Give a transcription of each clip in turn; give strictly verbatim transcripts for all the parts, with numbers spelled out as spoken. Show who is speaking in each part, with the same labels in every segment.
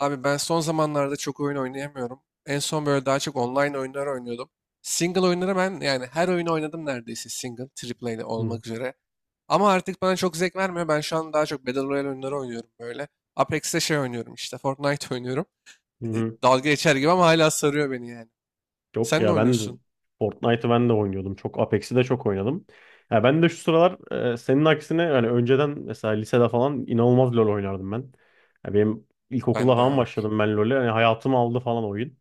Speaker 1: Abi ben son zamanlarda çok oyun oynayamıyorum. En son böyle daha çok online oyunlar oynuyordum. Single oyunları ben yani her oyunu oynadım neredeyse single, triple A
Speaker 2: Hı
Speaker 1: olmak üzere. Ama artık bana çok zevk vermiyor. Ben şu an daha çok Battle Royale oyunları oynuyorum böyle. Apex'te şey oynuyorum işte Fortnite oynuyorum. E,
Speaker 2: hı.
Speaker 1: dalga geçer gibi ama hala sarıyor beni yani.
Speaker 2: Yok
Speaker 1: Sen ne
Speaker 2: ya, ben de
Speaker 1: oynuyorsun?
Speaker 2: Fortnite'ı ben de oynuyordum. Çok Apex'i de çok oynadım. Ya ben de şu sıralar, e, senin aksine yani önceden mesela lisede falan inanılmaz LoL oynardım ben. Ya benim ilkokulda
Speaker 1: Ben de
Speaker 2: falan
Speaker 1: abi.
Speaker 2: başladım ben LoL'e. Yani hayatımı aldı falan oyun.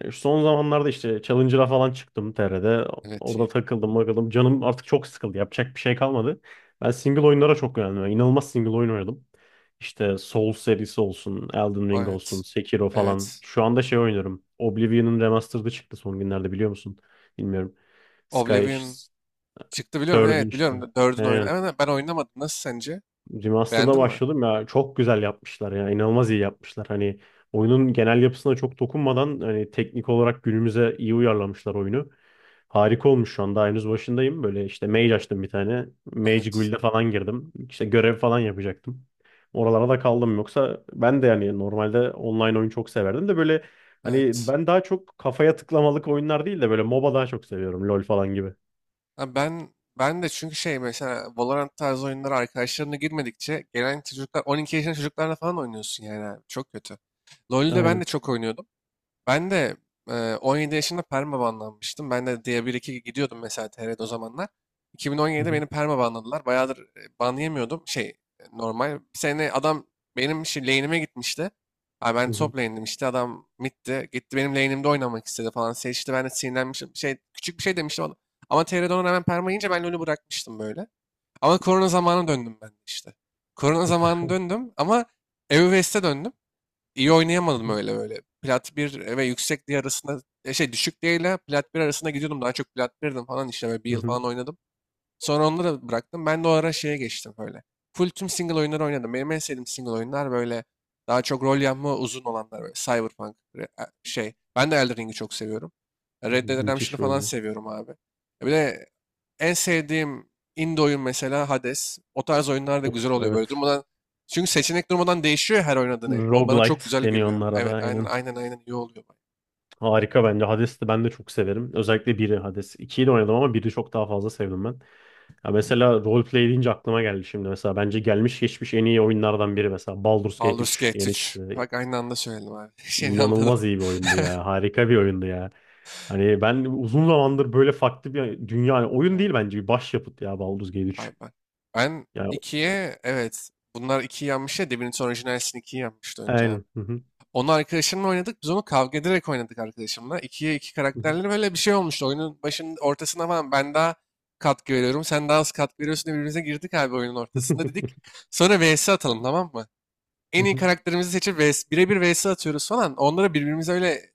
Speaker 2: E, Son zamanlarda işte Challenger'a falan çıktım T R'de.
Speaker 1: Evet,
Speaker 2: Orada
Speaker 1: iyi.
Speaker 2: takıldım bakalım. Canım artık çok sıkıldı. Yapacak bir şey kalmadı. Ben single oyunlara çok yöneldim. Yani İnanılmaz single oyun oynadım. İşte Souls serisi olsun, Elden Ring olsun,
Speaker 1: Evet.
Speaker 2: Sekiro falan.
Speaker 1: Evet.
Speaker 2: Şu anda şey oynuyorum. Oblivion'un remastered'ı çıktı son günlerde, biliyor musun? Bilmiyorum. Sky
Speaker 1: Oblivion çıktı, biliyorum.
Speaker 2: Third'ün
Speaker 1: Evet,
Speaker 2: işte.
Speaker 1: biliyorum. Dördün oyunu.
Speaker 2: Aynen.
Speaker 1: Evet, ben oynamadım. Nasıl sence?
Speaker 2: Remaster'da
Speaker 1: Beğendin mi?
Speaker 2: başladım ya, çok güzel yapmışlar ya, inanılmaz iyi yapmışlar. Hani oyunun genel yapısına çok dokunmadan hani teknik olarak günümüze iyi uyarlamışlar oyunu. Harika olmuş, şu an daha henüz başındayım. Böyle işte mage açtım bir tane. Mage
Speaker 1: Evet.
Speaker 2: Guild'e falan girdim. İşte görev falan yapacaktım. Oralara da kaldım, yoksa ben de yani normalde online oyun çok severdim de böyle hani
Speaker 1: Evet.
Speaker 2: ben daha çok kafaya tıklamalık oyunlar değil de böyle MOBA daha çok seviyorum. LoL falan gibi.
Speaker 1: Ha ben ben de çünkü şey mesela Valorant tarzı oyunlara arkadaşlarına girmedikçe gelen çocuklar on iki yaşında çocuklarla falan oynuyorsun yani abi. Çok kötü. LoL'de ben de
Speaker 2: Aynen.
Speaker 1: çok oynuyordum. Ben de e, on yedi yaşında perma banlanmıştım. Ben de diye bir iki gidiyordum mesela T R'de o zamanlar.
Speaker 2: Hı
Speaker 1: iki bin on yedide
Speaker 2: hı,
Speaker 1: beni perma banladılar. Bayağıdır e, ban yemiyordum. Şey e, normal. Bir sene adam benim şey, lane'ime gitmişti. Abi ben
Speaker 2: hı hı,
Speaker 1: top lane'dim işte adam mid'di. Gitti benim lane'imde oynamak istedi falan. Seçti ben de sinirlenmişim. Şey, küçük bir şey demiştim ona. Ama T R'de ona rağmen perma yiyince ben LoL'ü bırakmıştım böyle. Ama korona zamanı döndüm ben de işte. Korona zamanı döndüm ama E U West'e döndüm. İyi
Speaker 2: hı
Speaker 1: oynayamadım
Speaker 2: hı,
Speaker 1: öyle böyle. Plat bir ve yüksek diye arasında e, şey düşük diye ile plat bir arasında gidiyordum. Daha çok plat birdim falan işte böyle bir
Speaker 2: hı
Speaker 1: yıl
Speaker 2: hı.
Speaker 1: falan oynadım. Sonra onları bıraktım. Ben de o ara şeye geçtim böyle. Full tüm single oyunları oynadım. Benim en sevdiğim single oyunlar böyle daha çok rol yapma uzun olanlar böyle. Cyberpunk re- e, şey. Ben de Elden Ring'i çok seviyorum. Red Dead Redemption'ı
Speaker 2: Müthiş bir
Speaker 1: falan
Speaker 2: oyun.
Speaker 1: seviyorum abi. E Bir de en sevdiğim indie oyun mesela Hades. O tarz oyunlar da güzel
Speaker 2: Of,
Speaker 1: oluyor böyle
Speaker 2: evet.
Speaker 1: durmadan. Çünkü seçenek durmadan değişiyor ya her oynadığın el. O bana çok
Speaker 2: Roguelite
Speaker 1: güzel
Speaker 2: deniyor
Speaker 1: geliyor.
Speaker 2: onlara da,
Speaker 1: Evet, aynen
Speaker 2: aynen.
Speaker 1: aynen aynen iyi oluyor, bak.
Speaker 2: Harika bence. Hades'i ben de çok severim. Özellikle biri, Hades. ikiyi de oynadım ama biri çok daha fazla sevdim ben. Ya mesela roleplay deyince aklıma geldi şimdi mesela. Bence gelmiş geçmiş en iyi oyunlardan biri mesela. Baldur's Gate
Speaker 1: Baldur's
Speaker 2: üç
Speaker 1: Gate
Speaker 2: yeni
Speaker 1: üç.
Speaker 2: çıktı.
Speaker 1: Bak aynı anda söyledim abi. Şeyini anladım.
Speaker 2: İnanılmaz iyi bir oyundu ya. Harika bir oyundu ya. Hani ben uzun zamandır böyle farklı bir dünya, yani oyun
Speaker 1: Hmm,
Speaker 2: değil bence bir başyapıt ya, Baldur's Gate
Speaker 1: Abi
Speaker 2: üç.
Speaker 1: ben. Ben
Speaker 2: Yani
Speaker 1: ikiye, evet. Bunlar ikiyi yenmiş ya. Divinity Original Sin ikiyi yenmişti önce abi.
Speaker 2: aynen.
Speaker 1: Onu arkadaşımla oynadık. Biz onu kavga ederek oynadık arkadaşımla. İkiye iki karakterleri böyle bir şey olmuştu. Oyunun başının ortasına falan ben daha katkı veriyorum. Sen daha az katkı veriyorsun diye birbirimize girdik abi oyunun ortasında. Dedik sonra vs atalım, tamam mı? En iyi karakterimizi seçip vs, birebir vs atıyoruz falan. Onlara birbirimize öyle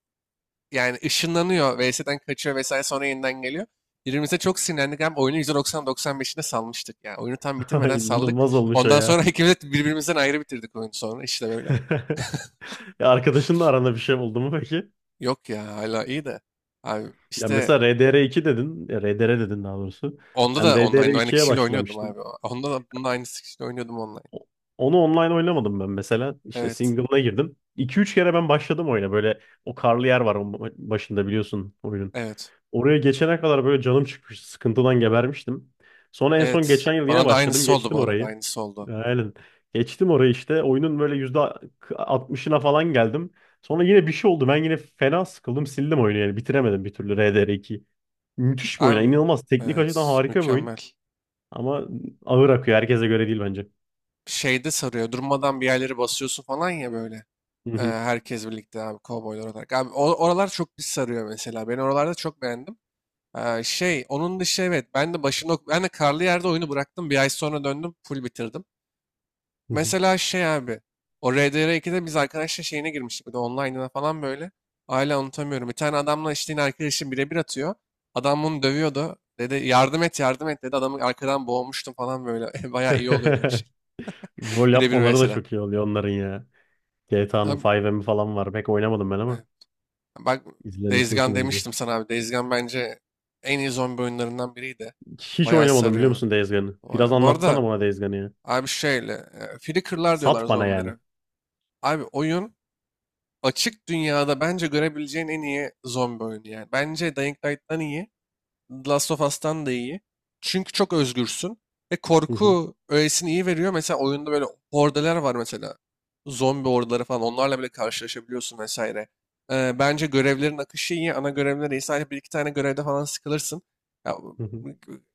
Speaker 1: yani ışınlanıyor. Vs'den kaçıyor vesaire sonra yeniden geliyor. Birbirimize çok sinirlendik. Hem oyunu yüzde doksan, doksan beşine salmıştık. Yani oyunu tam
Speaker 2: Ay,
Speaker 1: bitirmeden saldık.
Speaker 2: inanılmaz olmuş o
Speaker 1: Ondan sonra
Speaker 2: ya.
Speaker 1: ikimiz de birbirimizden ayrı bitirdik oyunu sonra. İşte böyle.
Speaker 2: Ya, arkadaşınla aranda bir şey oldu mu peki?
Speaker 1: Yok ya, hala iyi de. Abi
Speaker 2: Ya
Speaker 1: işte
Speaker 2: mesela R D R iki dedin. Ya R D R dedin daha doğrusu.
Speaker 1: onda
Speaker 2: Ben
Speaker 1: da online aynı
Speaker 2: R D R ikiye
Speaker 1: kişiyle oynuyordum
Speaker 2: başlamıştım.
Speaker 1: abi. Onda da bunun aynı kişiyle oynuyordum online.
Speaker 2: O- Onu online oynamadım ben mesela. İşte
Speaker 1: Evet.
Speaker 2: single'ına girdim. iki üç kere ben başladım oyuna. Böyle o karlı yer var onun başında biliyorsun oyunun.
Speaker 1: Evet.
Speaker 2: Oraya geçene kadar böyle canım çıkmıştı. Sıkıntıdan gebermiştim. Sonra en son
Speaker 1: Evet.
Speaker 2: geçen yıl yine
Speaker 1: Bana da
Speaker 2: başladım.
Speaker 1: aynısı oldu
Speaker 2: Geçtim
Speaker 1: bu arada.
Speaker 2: orayı.
Speaker 1: Aynısı oldu.
Speaker 2: Aynen. Geçtim orayı işte. Oyunun böyle yüzde altmışına falan geldim. Sonra yine bir şey oldu. Ben yine fena sıkıldım. Sildim oyunu yani. Bitiremedim bir türlü R D R iki. Müthiş bir oyun. Yani
Speaker 1: Abi,
Speaker 2: İnanılmaz. Teknik açıdan
Speaker 1: evet,
Speaker 2: harika bir oyun.
Speaker 1: mükemmel.
Speaker 2: Ama ağır akıyor. Herkese göre değil bence.
Speaker 1: Şeyde sarıyor. Durmadan bir yerleri basıyorsun falan ya böyle.
Speaker 2: Hı
Speaker 1: Ee,
Speaker 2: hı,
Speaker 1: herkes birlikte abi kovboylar olarak. Abi o- oralar çok bir sarıyor mesela. Ben oralarda çok beğendim. Ee, şey onun dışı, evet ben de başında ok, ben de karlı yerde oyunu bıraktım. Bir ay sonra döndüm full bitirdim.
Speaker 2: hı hı.
Speaker 1: Mesela şey abi. O R D R ikide biz arkadaşla şeyine girmiştik. Bir de online'ına falan böyle. Hala unutamıyorum. Bir tane adamla işte yine arkadaşım birebir atıyor. Adam bunu dövüyordu. Dedi yardım et yardım et dedi. Adamı arkadan boğmuştum falan böyle. Bayağı iyi oluyordu öyle şey.
Speaker 2: Rol
Speaker 1: Birebir
Speaker 2: yapmaları da
Speaker 1: vs'den.
Speaker 2: çok iyi oluyor onların ya. G T A'nın
Speaker 1: Abi,
Speaker 2: beş M'i falan var. Pek oynamadım ben
Speaker 1: e,
Speaker 2: ama
Speaker 1: bak
Speaker 2: izlemesi
Speaker 1: Days Gone
Speaker 2: hoşuma gidiyor.
Speaker 1: demiştim sana abi. Days Gone bence en iyi zombi oyunlarından biriydi.
Speaker 2: Hiç
Speaker 1: Bayağı
Speaker 2: oynamadım, biliyor
Speaker 1: sarıyor.
Speaker 2: musun Days Gone'ı?
Speaker 1: Bu
Speaker 2: Biraz
Speaker 1: bu
Speaker 2: anlatsana
Speaker 1: arada
Speaker 2: bana Days Gone'ı ya.
Speaker 1: abi şöyle. e, Flicker'lar diyorlar
Speaker 2: Sat bana yani.
Speaker 1: zombilere. Abi oyun açık dünyada bence görebileceğin en iyi zombi oyunu yani. Bence Dying Light'tan iyi. The Last of Us'tan da iyi. Çünkü çok özgürsün. Ve korku öğesini iyi veriyor. Mesela oyunda böyle hordeler var mesela. Zombi hordeleri falan. Onlarla bile karşılaşabiliyorsun vesaire. Ee, bence görevlerin akışı iyi. Ana görevler iyi. Sadece bir iki tane görevde falan sıkılırsın. Ya,
Speaker 2: Hı hı.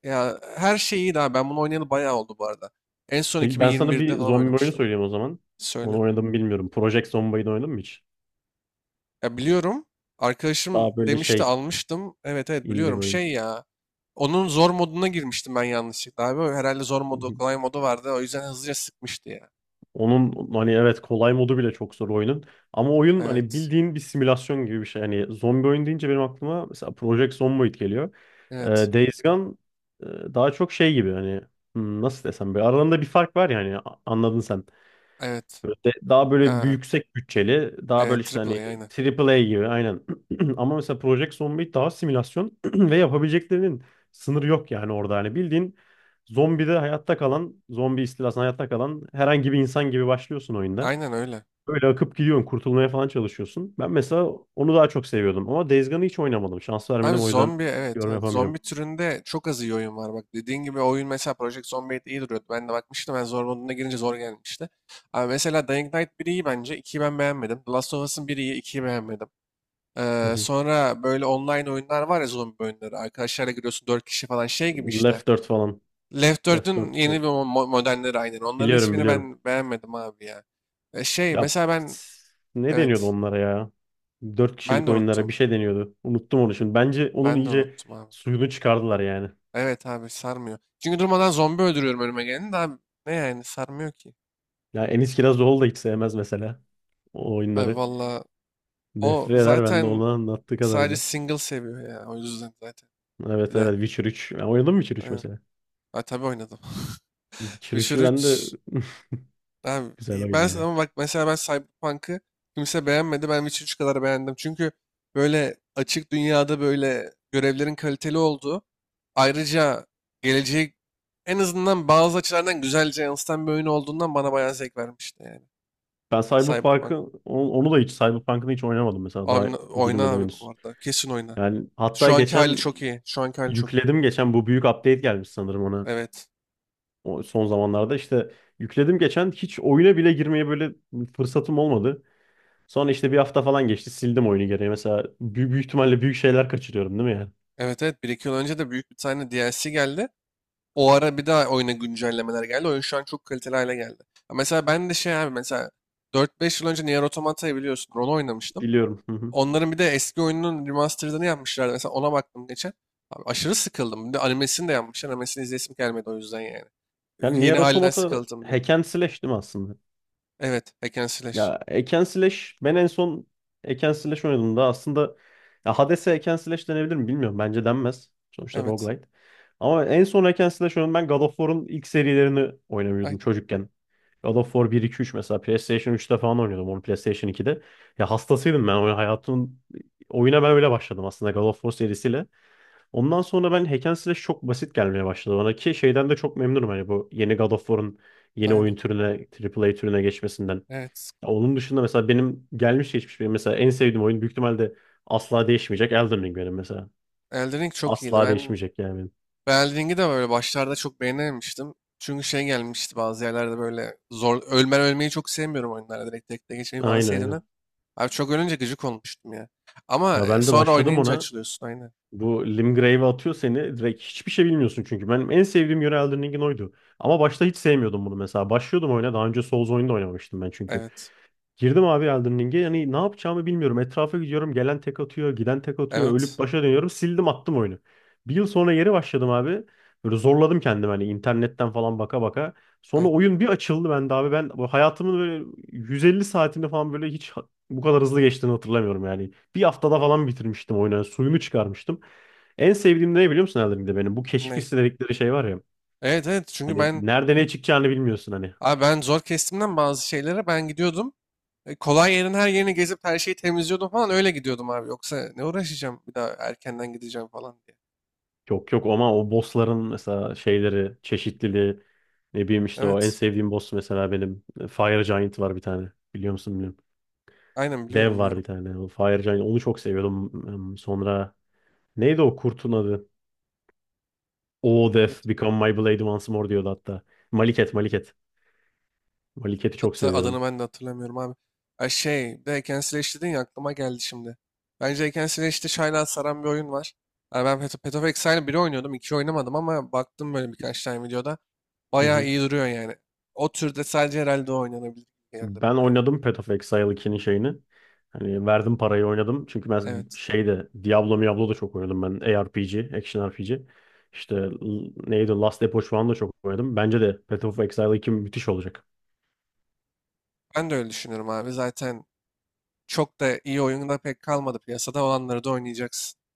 Speaker 1: ya her şey iyi daha. Ben bunu oynayalı bayağı oldu bu arada. En son
Speaker 2: Peki ben sana
Speaker 1: iki bin yirmi birde
Speaker 2: bir
Speaker 1: falan
Speaker 2: zombi oyunu
Speaker 1: oynamıştım.
Speaker 2: söyleyeyim o zaman. Onu
Speaker 1: Söyle.
Speaker 2: oynadım mı bilmiyorum. Project Zomboid'i oynadın mı hiç?
Speaker 1: Ya, biliyorum. Arkadaşım
Speaker 2: Daha böyle
Speaker 1: demişti
Speaker 2: şey,
Speaker 1: almıştım. Evet evet,
Speaker 2: indie bir
Speaker 1: biliyorum.
Speaker 2: oyun.
Speaker 1: Şey ya. Onun zor moduna girmiştim ben yanlışlıkla abi. Herhalde zor
Speaker 2: Hı
Speaker 1: modu,
Speaker 2: hı.
Speaker 1: kolay modu vardı. O yüzden hızlıca sıkmıştı ya.
Speaker 2: Onun hani evet kolay modu bile çok zor oyunun. Ama oyun hani
Speaker 1: Evet.
Speaker 2: bildiğin bir simülasyon gibi bir şey. Hani zombi oyun deyince benim aklıma mesela Project Zomboid geliyor. Ee,
Speaker 1: Evet.
Speaker 2: Days Gone e, daha çok şey gibi hani, hmm, nasıl desem, böyle aralarında bir fark var yani, anladın sen.
Speaker 1: Evet.
Speaker 2: De- Daha böyle bir
Speaker 1: Ya.
Speaker 2: yüksek bütçeli, daha böyle
Speaker 1: Evet.
Speaker 2: işte
Speaker 1: Triple
Speaker 2: hani,
Speaker 1: A aynen.
Speaker 2: triple A gibi, aynen. Ama mesela Project Zomboid daha simülasyon ve yapabileceklerinin sınırı yok yani orada. Hani bildiğin zombide hayatta kalan, zombi istilasında hayatta kalan herhangi bir insan gibi başlıyorsun oyunda.
Speaker 1: Aynen öyle.
Speaker 2: Böyle akıp gidiyorsun, kurtulmaya falan çalışıyorsun. Ben mesela onu daha çok seviyordum ama Days Gone'ı hiç oynamadım. Şans
Speaker 1: Abi
Speaker 2: vermedim, o yüzden
Speaker 1: zombi, evet
Speaker 2: yorum
Speaker 1: evet.
Speaker 2: yapamayacağım.
Speaker 1: Zombi türünde çok az iyi oyun var. Bak dediğin gibi oyun mesela Project Zomboid iyi duruyordu. Ben de bakmıştım. Ben zor moduna girince zor gelmişti. Abi mesela Dying Light bir iyi bence. ikiyi ben beğenmedim. The Last of Us'ın bir iyi. ikiyi beğenmedim.
Speaker 2: Hı
Speaker 1: Ee,
Speaker 2: hı.
Speaker 1: sonra böyle online oyunlar var ya zombi oyunları. Arkadaşlarla giriyorsun dört kişi falan şey gibi işte.
Speaker 2: Left dört falan.
Speaker 1: Left
Speaker 2: Left
Speaker 1: dördün
Speaker 2: dört.
Speaker 1: yeni bir mo- mo- modelleri aynen. Onların
Speaker 2: Biliyorum,
Speaker 1: hiçbirini
Speaker 2: biliyorum.
Speaker 1: ben beğenmedim abi ya. E, şey
Speaker 2: Ya,
Speaker 1: mesela ben
Speaker 2: ne deniyordu
Speaker 1: evet
Speaker 2: onlara ya? Dört
Speaker 1: ben
Speaker 2: kişilik
Speaker 1: de
Speaker 2: oyunlara
Speaker 1: unuttum.
Speaker 2: bir şey deniyordu. Unuttum onu şimdi. Bence onun
Speaker 1: Ben de
Speaker 2: iyice
Speaker 1: unuttum abi.
Speaker 2: suyunu çıkardılar yani.
Speaker 1: Evet abi sarmıyor. Çünkü durmadan zombi öldürüyorum önüme geleni de abi ne yani sarmıyor ki.
Speaker 2: Ya, Enis Kirazoğlu da hiç sevmez mesela o
Speaker 1: Abi
Speaker 2: oyunları.
Speaker 1: valla o
Speaker 2: Nefret eder ben de onu
Speaker 1: zaten
Speaker 2: anlattığı
Speaker 1: sadece
Speaker 2: kadarıyla.
Speaker 1: single seviyor ya. O yüzden zaten.
Speaker 2: Evet,
Speaker 1: Bir
Speaker 2: evet.
Speaker 1: de
Speaker 2: Witcher üç, ya oynadın mı Witcher üç
Speaker 1: aynen.
Speaker 2: mesela?
Speaker 1: Ha, tabii oynadım.
Speaker 2: Witcher
Speaker 1: Witcher
Speaker 2: üçü ben de
Speaker 1: üç. Abi,
Speaker 2: güzel
Speaker 1: e,
Speaker 2: oyun
Speaker 1: ben
Speaker 2: ya.
Speaker 1: ama bak mesela ben Cyberpunk'ı kimse beğenmedi. Ben Witcher üç kadar beğendim. Çünkü böyle açık dünyada böyle görevlerin kaliteli olduğu, ayrıca geleceği en azından bazı açılardan güzelce yansıtan bir oyun olduğundan bana bayağı zevk vermişti yani.
Speaker 2: Ben Cyberpunk'ı
Speaker 1: Cyberpunk.
Speaker 2: on- onu da hiç Cyberpunk'ını hiç oynamadım mesela,
Speaker 1: Abi
Speaker 2: daha
Speaker 1: n- oyna
Speaker 2: girmedim
Speaker 1: abi bu
Speaker 2: henüz.
Speaker 1: arada. Kesin oyna.
Speaker 2: Yani hatta
Speaker 1: Şu anki hali
Speaker 2: geçen
Speaker 1: çok iyi. Şu anki hali çok iyi.
Speaker 2: yükledim, geçen bu büyük update gelmiş sanırım ona.
Speaker 1: Evet.
Speaker 2: O son zamanlarda işte yükledim geçen, hiç oyuna bile girmeye böyle fırsatım olmadı. Sonra işte bir hafta falan geçti, sildim oyunu geriye. Mesela büyük, büyük ihtimalle büyük şeyler kaçırıyorum değil mi yani?
Speaker 1: Evet evet. Bir iki yıl önce de büyük bir tane D L C geldi. O ara bir daha oyuna güncellemeler geldi. Oyun şu an çok kaliteli hale geldi. Ya, mesela ben de şey abi mesela dört beş yıl önce Nier Automata'yı biliyorsun. Onu oynamıştım.
Speaker 2: Biliyorum. Hı hı.
Speaker 1: Onların bir de eski oyununun remastered'ını yapmışlardı. Mesela ona baktım geçen. Abi aşırı sıkıldım. Bir de animesini de yapmışlar. Animesini izlesim gelmedi o yüzden yani.
Speaker 2: Yani Nier
Speaker 1: Yeni halinden
Speaker 2: Automata
Speaker 1: sıkıldım diye.
Speaker 2: hack and slash değil mi aslında?
Speaker 1: Evet. Hack and Slash.
Speaker 2: Ya Eken Slash, ben en son Eken Slash oynadığımda aslında, ya Hades'e Eken Slash denebilir mi bilmiyorum. Bence denmez. Sonuçta
Speaker 1: Evet.
Speaker 2: roguelite. Ama en son Eken Slash oynadım ben, God of War'un ilk serilerini oynamıyordum
Speaker 1: Aynen.
Speaker 2: çocukken. God of War bir, iki, üç mesela PlayStation üçte falan oynuyordum, onu PlayStation ikide. Ya hastasıydım ben, oyun hayatımın, oyuna ben öyle başladım aslında God of War serisiyle. Ondan sonra ben, Hack and Slash çok basit gelmeye başladı bana, ki şeyden de çok memnunum, hani bu yeni God of War'un yeni
Speaker 1: Aynen.
Speaker 2: oyun türüne, A A A türüne geçmesinden.
Speaker 1: Evet.
Speaker 2: Ya, onun dışında mesela benim gelmiş geçmiş, benim mesela en sevdiğim oyun, büyük ihtimalle asla değişmeyecek, Elden Ring benim mesela.
Speaker 1: Elden Ring çok iyiydi.
Speaker 2: Asla
Speaker 1: Ben
Speaker 2: değişmeyecek yani benim.
Speaker 1: Elden de böyle başlarda çok beğenememiştim. Çünkü şey gelmişti bazı yerlerde böyle zor ölmen ölmeyi çok sevmiyorum oyunlarda direkt tek tek geçmeyi falan
Speaker 2: Aynen,
Speaker 1: sevdiğimden.
Speaker 2: aynen.
Speaker 1: Abi çok ölünce gıcık olmuştum ya. Ama
Speaker 2: Ya
Speaker 1: e,
Speaker 2: ben de
Speaker 1: sonra
Speaker 2: başladım
Speaker 1: oynayınca
Speaker 2: ona.
Speaker 1: açılıyorsun aynen.
Speaker 2: Bu Limgrave'e atıyor seni. Direkt hiçbir şey bilmiyorsun çünkü. Benim en sevdiğim yönü Elden Ring'in oydu. Ama başta hiç sevmiyordum bunu mesela. Başlıyordum oyuna. Daha önce Souls oyunu da oynamamıştım ben çünkü.
Speaker 1: Evet.
Speaker 2: Girdim abi Elden Ring'e. Yani ne yapacağımı bilmiyorum. Etrafa gidiyorum. Gelen tek atıyor. Giden tek atıyor. Ölüp
Speaker 1: Evet.
Speaker 2: başa dönüyorum. Sildim, attım oyunu. Bir yıl sonra geri başladım abi. Böyle zorladım kendimi hani, internetten falan baka baka. Sonra
Speaker 1: Aynen.
Speaker 2: oyun bir açıldı bende abi. Ben bu hayatımın böyle yüz elli saatini falan böyle hiç ha- bu kadar hızlı geçtiğini hatırlamıyorum yani. Bir haftada falan bitirmiştim oyunu. Yani suyunu çıkarmıştım. En sevdiğim de ne biliyor musun Elden Ring'de benim? Bu keşif
Speaker 1: Ney?
Speaker 2: hissi dedikleri şey var ya.
Speaker 1: Evet evet, çünkü
Speaker 2: Hani
Speaker 1: ben
Speaker 2: nerede ne çıkacağını bilmiyorsun hani.
Speaker 1: abi ben zor kestimden bazı şeylere ben gidiyordum. E, Kolay yerin her yerini gezip her şeyi temizliyordum falan öyle gidiyordum abi. Yoksa ne uğraşacağım bir daha erkenden gideceğim falan diye.
Speaker 2: Yok yok, ama o bossların mesela şeyleri, çeşitliliği, ne bileyim işte, o en
Speaker 1: Evet.
Speaker 2: sevdiğim boss mesela benim, e, Fire Giant var bir tane. Biliyor musun bilmiyorum.
Speaker 1: Aynen
Speaker 2: Dev
Speaker 1: biliyorum
Speaker 2: var bir tane. O Fire Giant, onu çok seviyordum. Hmm, Sonra neydi o kurtun adı? O Death
Speaker 1: biliyorum.
Speaker 2: Become My Blade Once More diyordu hatta. Maliket, Maliket. Maliket'i çok
Speaker 1: Hatta adını
Speaker 2: seviyordum.
Speaker 1: ben de hatırlamıyorum abi. Ay, şey, bir de Hack and Slash dedin ya aklıma geldi şimdi. Bence Hack and Slash'te Shine'a saran bir oyun var. Yani ben Path Path of Exile'ı bir oynuyordum, iki oynamadım ama baktım böyle birkaç tane videoda.
Speaker 2: Hı
Speaker 1: Bayağı
Speaker 2: hı.
Speaker 1: iyi duruyor yani. O türde sadece herhalde o oynanabilir gibi geldi
Speaker 2: Ben
Speaker 1: bana yani.
Speaker 2: oynadım Path of Exile ikinin şeyini. Hani verdim parayı oynadım. Çünkü ben
Speaker 1: Evet.
Speaker 2: şeyde Diablo Diablo da çok oynadım ben. A R P G, Action R P G. İşte l- neydi Last Epoch falan da çok oynadım. Bence de Path of Exile iki müthiş olacak.
Speaker 1: Ben de öyle düşünüyorum abi. Zaten çok da iyi oyun pek kalmadı piyasada. Olanları da oynayacaksın.